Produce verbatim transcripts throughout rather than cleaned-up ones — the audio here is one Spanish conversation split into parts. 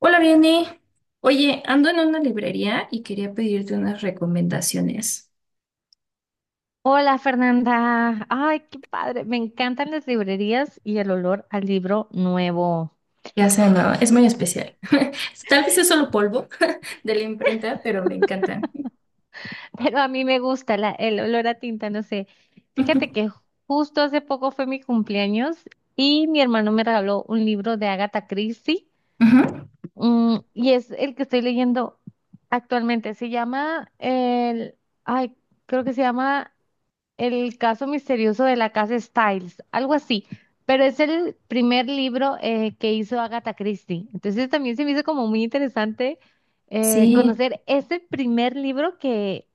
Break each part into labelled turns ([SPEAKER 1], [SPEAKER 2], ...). [SPEAKER 1] Hola, Vianney. Oye, ando en una librería y quería pedirte unas recomendaciones.
[SPEAKER 2] Hola Fernanda, ay, qué padre, me encantan las librerías y el olor al libro nuevo,
[SPEAKER 1] Ya sé, no, es muy especial. Tal vez es solo polvo de la imprenta, pero me encanta.
[SPEAKER 2] pero a mí me gusta la- el olor a tinta, no sé. Fíjate
[SPEAKER 1] Ujú.
[SPEAKER 2] que justo hace poco fue mi cumpleaños y mi hermano me regaló un libro de Agatha Christie,
[SPEAKER 1] Ujú.
[SPEAKER 2] mm, y es el que estoy leyendo actualmente, se llama, el, ay, creo que se llama El caso misterioso de la casa Styles, algo así, pero es el primer libro eh, que hizo Agatha Christie. Entonces también se me hizo como muy interesante eh,
[SPEAKER 1] Sí.
[SPEAKER 2] conocer ese primer libro que,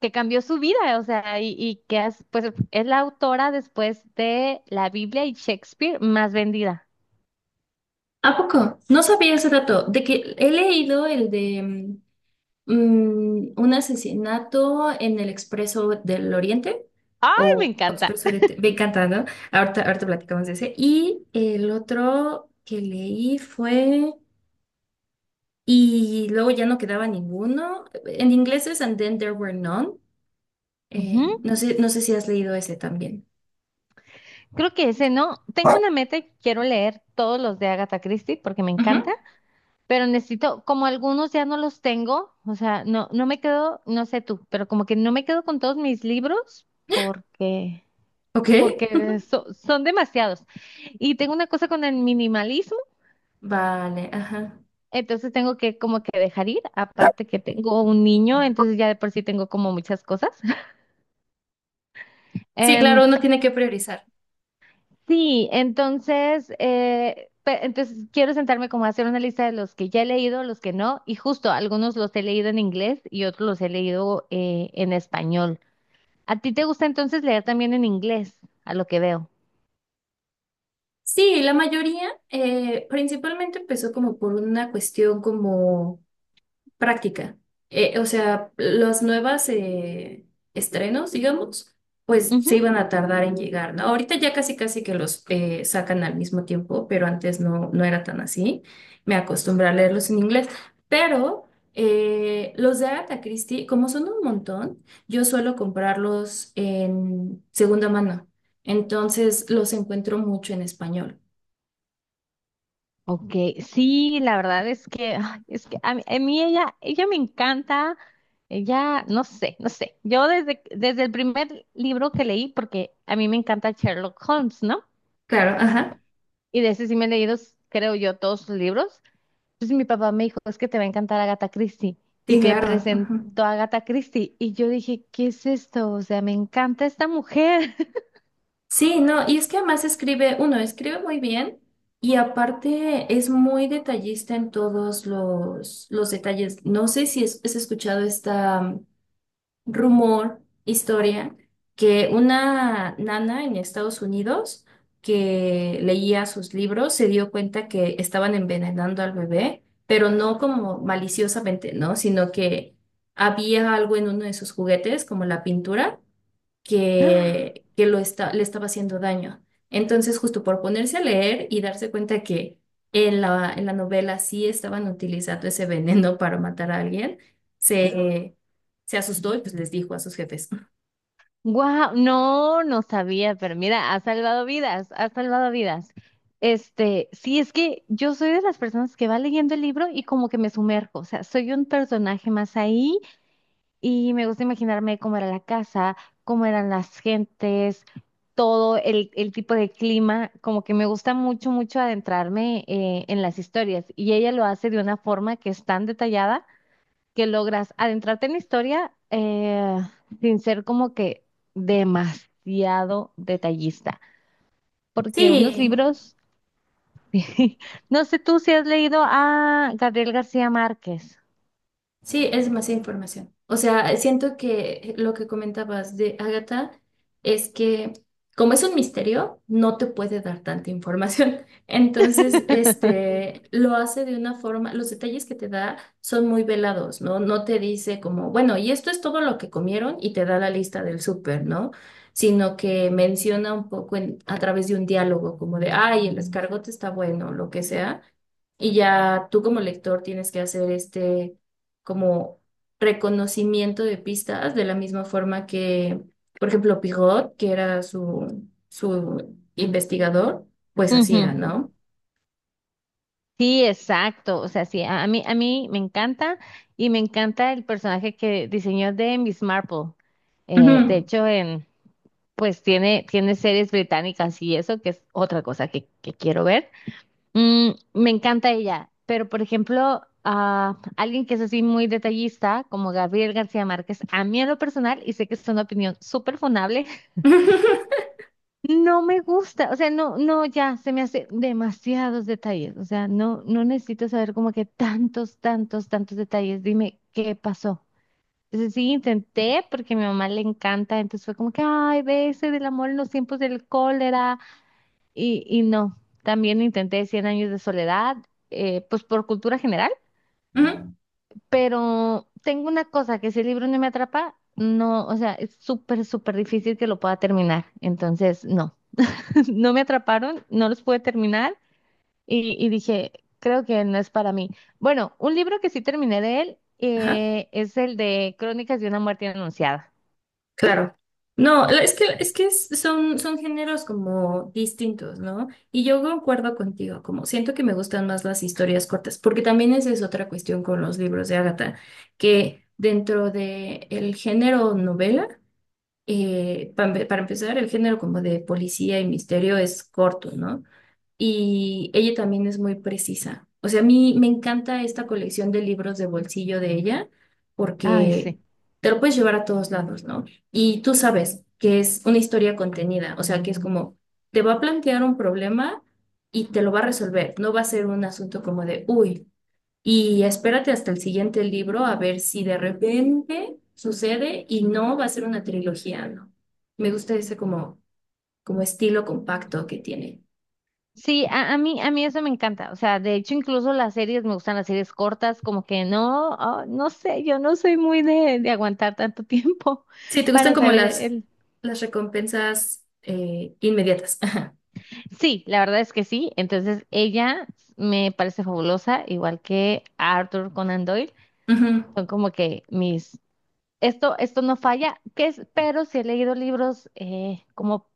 [SPEAKER 2] que cambió su vida, o sea, y, y que es, pues, es la autora después de la Biblia y Shakespeare más vendida.
[SPEAKER 1] ¿A poco? No sabía ese dato, de que he leído el de mm, mm, un asesinato en el Expreso del Oriente
[SPEAKER 2] ¡Ay, me
[SPEAKER 1] o
[SPEAKER 2] encanta!
[SPEAKER 1] Expreso Oriente. Me encanta, ¿no? Ahorita, ahorita platicamos de ese. Y el otro que leí fue. Y luego ya no quedaba ninguno. En inglés es And Then There Were None. Eh,
[SPEAKER 2] Ujú.
[SPEAKER 1] no sé, no sé si has leído ese también.
[SPEAKER 2] Creo que ese no. Tengo una meta y quiero leer todos los de Agatha Christie porque me
[SPEAKER 1] Ujú.
[SPEAKER 2] encanta. Pero necesito, como algunos ya no los tengo, o sea, no, no me quedo, no sé tú, pero como que no me quedo con todos mis libros porque,
[SPEAKER 1] ¿Ok?
[SPEAKER 2] porque so- son demasiados. Y tengo una cosa con el minimalismo,
[SPEAKER 1] Vale, ajá.
[SPEAKER 2] entonces tengo que como que dejar ir, aparte que tengo un niño, entonces ya de por sí tengo como muchas cosas.
[SPEAKER 1] Sí,
[SPEAKER 2] Em,
[SPEAKER 1] claro, uno tiene que priorizar.
[SPEAKER 2] sí, entonces, eh, pe- entonces quiero sentarme como a hacer una lista de los que ya he leído, los que no, y justo algunos los he leído en inglés y otros los he leído eh, en español. ¿A ti te gusta entonces leer también en inglés, a lo que veo?
[SPEAKER 1] Sí, la mayoría eh, principalmente empezó como por una cuestión como... práctica. Eh, o sea, las nuevas eh, estrenos, digamos, pues
[SPEAKER 2] Ujú.
[SPEAKER 1] se iban a tardar en llegar, ¿no? Ahorita ya casi casi que los eh, sacan al mismo tiempo, pero antes no, no era tan así. Me acostumbré a leerlos en inglés, pero eh, los de Agatha Christie, como son un montón, yo suelo comprarlos en segunda mano. Entonces los encuentro mucho en español.
[SPEAKER 2] Ok, sí, la verdad es que, ay, es que a mí, a mí ella, ella me encanta, ella, no sé, no sé. Yo desde, desde el primer libro que leí, porque a mí me encanta Sherlock Holmes, ¿no?
[SPEAKER 1] Claro, ajá.
[SPEAKER 2] Y de ese sí me he leído, creo yo, todos sus libros. Entonces mi papá me dijo, es que te va a encantar Agatha Christie.
[SPEAKER 1] Sí,
[SPEAKER 2] Y me
[SPEAKER 1] claro, ajá.
[SPEAKER 2] presentó a Agatha Christie. Y yo dije, ¿qué es esto? O sea, me encanta esta mujer.
[SPEAKER 1] Sí, no, y es que además escribe, uno, escribe muy bien y aparte es muy detallista en todos los, los detalles. No sé si es- has escuchado esta rumor, historia, que una nana en Estados Unidos que leía sus libros se dio cuenta que estaban envenenando al bebé, pero no como maliciosamente, ¿no? Sino que había algo en uno de sus juguetes, como la pintura, que, que lo está, le estaba haciendo daño. Entonces, justo por ponerse a leer y darse cuenta que en la, en la novela sí estaban utilizando ese veneno para matar a alguien, se, se asustó y pues les dijo a sus jefes.
[SPEAKER 2] Wow, no, no sabía, pero mira, ha salvado vidas, ha salvado vidas. Este, sí, es que yo soy de las personas que va leyendo el libro y como que me sumerjo, o sea, soy un personaje más ahí y me gusta imaginarme cómo era la casa, cómo eran las gentes, todo el, el tipo de clima, como que me gusta mucho, mucho adentrarme eh, en las historias y ella lo hace de una forma que es tan detallada que logras adentrarte en la historia eh, sin ser como que demasiado detallista. Porque unos
[SPEAKER 1] Sí,
[SPEAKER 2] libros, no sé tú si has leído a Gabriel García Márquez.
[SPEAKER 1] sí, es demasiada información. O sea, siento que lo que comentabas de Agatha es que como es un misterio, no te puede dar tanta información. Entonces, este, lo hace de una forma, los detalles que te da son muy velados, ¿no? No te dice como, bueno, y esto es todo lo que comieron y te da la lista del súper, ¿no? Sino que menciona un poco en- a través de un diálogo, como de, ay, el escargote está bueno, lo que sea. Y ya tú como lector tienes que hacer este como reconocimiento de pistas, de la misma forma que, por ejemplo, Pigot, que era su, su investigador, pues
[SPEAKER 2] Ujú.
[SPEAKER 1] hacía, ¿no?
[SPEAKER 2] Sí, exacto. O sea, sí, a a mí, a mí me encanta y me encanta el personaje que diseñó de Miss Marple. Eh, de
[SPEAKER 1] Ujú.
[SPEAKER 2] hecho, en, pues tiene, tiene series británicas y eso, que es otra cosa que, que quiero ver. Mm, me encanta ella, pero por ejemplo, ah, alguien que es así muy detallista, como Gabriel García Márquez, a mí en lo personal, y sé que es una opinión súper funable, no me gusta, o sea, no, no, ya se me hace demasiados detalles, o sea, no, no necesito saber como que tantos, tantos, tantos detalles, dime qué pasó. Entonces sí, intenté porque a mi mamá le encanta, entonces fue como que, ay, ves, el amor en los tiempos del cólera. Y, y no, también intenté cien años de soledad, eh, pues por cultura general,
[SPEAKER 1] Ujú.
[SPEAKER 2] pero tengo una cosa, que si el libro no me atrapa, no, o sea, es súper, súper difícil que lo pueda terminar. Entonces, no, no me atraparon, no los pude terminar y, y dije, creo que no es para mí. Bueno, un libro que sí terminé de él
[SPEAKER 1] Ajá,
[SPEAKER 2] eh, es el de Crónicas de una muerte anunciada.
[SPEAKER 1] claro. No, la- es que, es que es- son, son géneros como distintos, ¿no? Y yo concuerdo contigo, como siento que me gustan más las historias cortas, porque también esa es otra cuestión con los libros de Agatha, que dentro de el género novela, eh, pa- para empezar, el género como de policía y misterio es corto, ¿no? Y ella también es muy precisa. O sea, a mí me encanta esta colección de libros de bolsillo de ella
[SPEAKER 2] Ay,
[SPEAKER 1] porque
[SPEAKER 2] sí.
[SPEAKER 1] te lo puedes llevar a todos lados, ¿no? Y tú sabes que es una historia contenida, o sea, que es como, te va a plantear un problema y te lo va a resolver. No va a ser un asunto como de, uy. Y espérate hasta el siguiente libro a ver si de repente sucede y no va a ser una trilogía, ¿no? Me gusta ese como, como estilo compacto que tiene.
[SPEAKER 2] Sí, a, a mí, a mí eso me encanta. O sea, de hecho, incluso las series, me gustan las series cortas, como que no, ah, no sé, yo no soy muy de, de aguantar tanto tiempo
[SPEAKER 1] Sí, te gustan
[SPEAKER 2] para
[SPEAKER 1] como
[SPEAKER 2] saber
[SPEAKER 1] las,
[SPEAKER 2] el...
[SPEAKER 1] las recompensas eh, inmediatas.
[SPEAKER 2] Sí, la verdad es que sí. Entonces, ella me parece fabulosa, igual que Arthur Conan Doyle.
[SPEAKER 1] Ujú.
[SPEAKER 2] Son como que mis... Esto, esto no falla, que es, pero sí he leído libros eh, como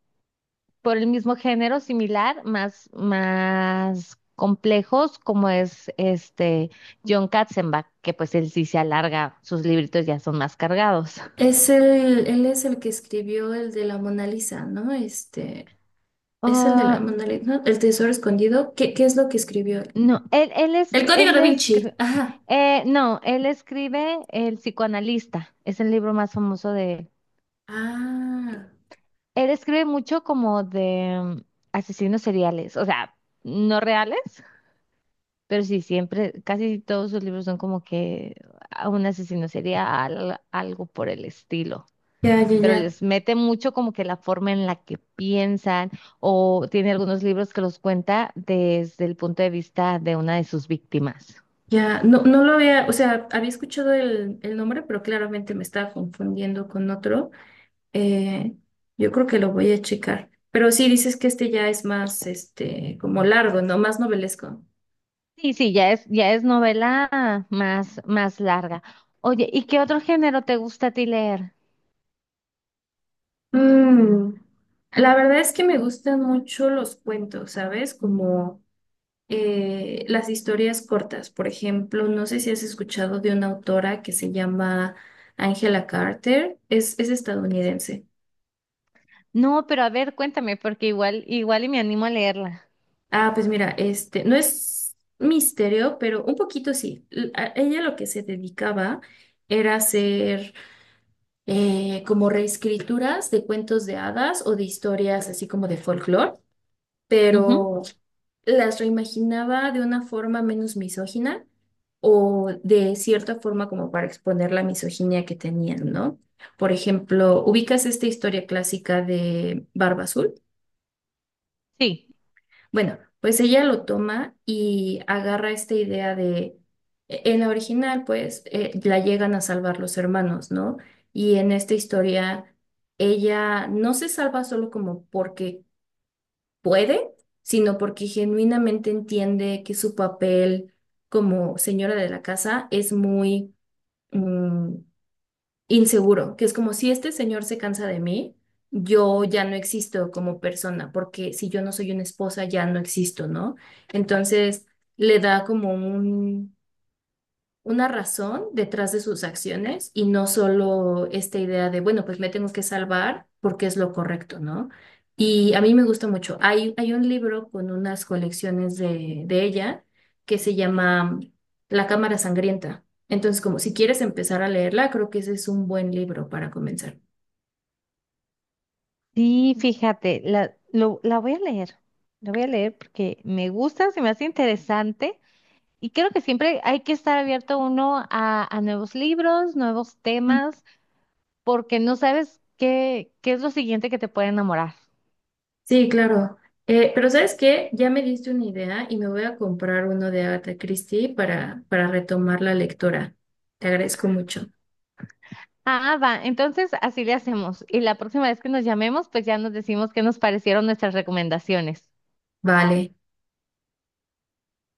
[SPEAKER 2] por el mismo género similar, más, más complejos, como es este John Katzenbach, que pues él sí se alarga, sus libritos ya son más cargados.
[SPEAKER 1] Es el, él es el que escribió el de la Mona Lisa, ¿no? Este, es el de la
[SPEAKER 2] Ah,
[SPEAKER 1] Mona Lisa, ¿no? El tesoro escondido. ¿Qué, qué es lo que escribió él?
[SPEAKER 2] no, él, él es,
[SPEAKER 1] El código
[SPEAKER 2] él
[SPEAKER 1] da
[SPEAKER 2] es,
[SPEAKER 1] Vinci.
[SPEAKER 2] cre-
[SPEAKER 1] Ajá.
[SPEAKER 2] eh, no, él escribe El psicoanalista, es el libro más famoso de él.
[SPEAKER 1] Ah,
[SPEAKER 2] Él escribe mucho como de mm, asesinos seriales, o sea, no reales. Pero sí, siempre, casi todos sus libros son como que a un asesino serial, algo por el estilo.
[SPEAKER 1] ya, ya,
[SPEAKER 2] Pero
[SPEAKER 1] ya.
[SPEAKER 2] les mete mucho como que la forma en la que piensan, o tiene algunos libros que los cuenta desde el punto de vista de una de sus víctimas.
[SPEAKER 1] Ya, no, no lo había, o sea, había escuchado el, el nombre, pero claramente me estaba confundiendo con otro. Eh, yo creo que lo voy a checar. Pero sí dices que este ya es más, este, como largo, ¿no? Más novelesco.
[SPEAKER 2] Sí, sí, ya es, ya es novela más, más larga. Oye, ¿y qué otro género te gusta a ti leer?
[SPEAKER 1] Mm, La verdad es que me gustan mucho los cuentos, ¿sabes? Como eh, las historias cortas. Por ejemplo, no sé si has escuchado de una autora que se llama Angela Carter. Es, es estadounidense.
[SPEAKER 2] No, pero a ver, cuéntame, porque igual, igual y me animo a leerla.
[SPEAKER 1] Ah, pues mira, este, no es misterio, pero un poquito sí. L- a ella lo que se dedicaba era hacer eh, como reescrituras de cuentos de hadas o de historias así como de folclore,
[SPEAKER 2] Ujú.
[SPEAKER 1] pero las reimaginaba de una forma menos misógina o de cierta forma como para exponer la misoginia que tenían, ¿no? Por ejemplo, ubicas esta historia clásica de Barba Azul.
[SPEAKER 2] Sí.
[SPEAKER 1] Bueno, pues ella lo toma y agarra esta idea de, e- en la original, pues, eh, la llegan a salvar los hermanos, ¿no? Y en esta historia, ella no se salva solo como porque puede, sino porque genuinamente entiende que su papel como señora de la casa es muy, mm, inseguro, que es como si este señor se cansa de mí, yo ya no existo como persona, porque si yo no soy una esposa, ya no existo, ¿no? Entonces le da como un, una razón detrás de sus acciones y no solo esta idea de, bueno, pues me tengo que salvar porque es lo correcto, ¿no? Y a mí me gusta mucho. Hay, hay un libro con unas colecciones de, de ella que se llama La Cámara Sangrienta. Entonces, como si quieres empezar a leerla, creo que ese es un buen libro para comenzar.
[SPEAKER 2] Sí, fíjate, la, lo- la voy a leer, la voy a leer porque me gusta, se me hace interesante y creo que siempre hay que estar abierto uno a, a nuevos libros, nuevos
[SPEAKER 1] Mm.
[SPEAKER 2] temas, porque no sabes qué, qué es lo siguiente que te puede enamorar.
[SPEAKER 1] Sí, claro. Eh, pero ¿sabes qué? Ya me diste una idea y me voy a comprar uno de Agatha Christie para, para retomar la lectura. Te agradezco mucho.
[SPEAKER 2] Ah, va, entonces así le hacemos y la próxima vez que nos llamemos, pues ya nos decimos qué nos parecieron nuestras recomendaciones.
[SPEAKER 1] Vale.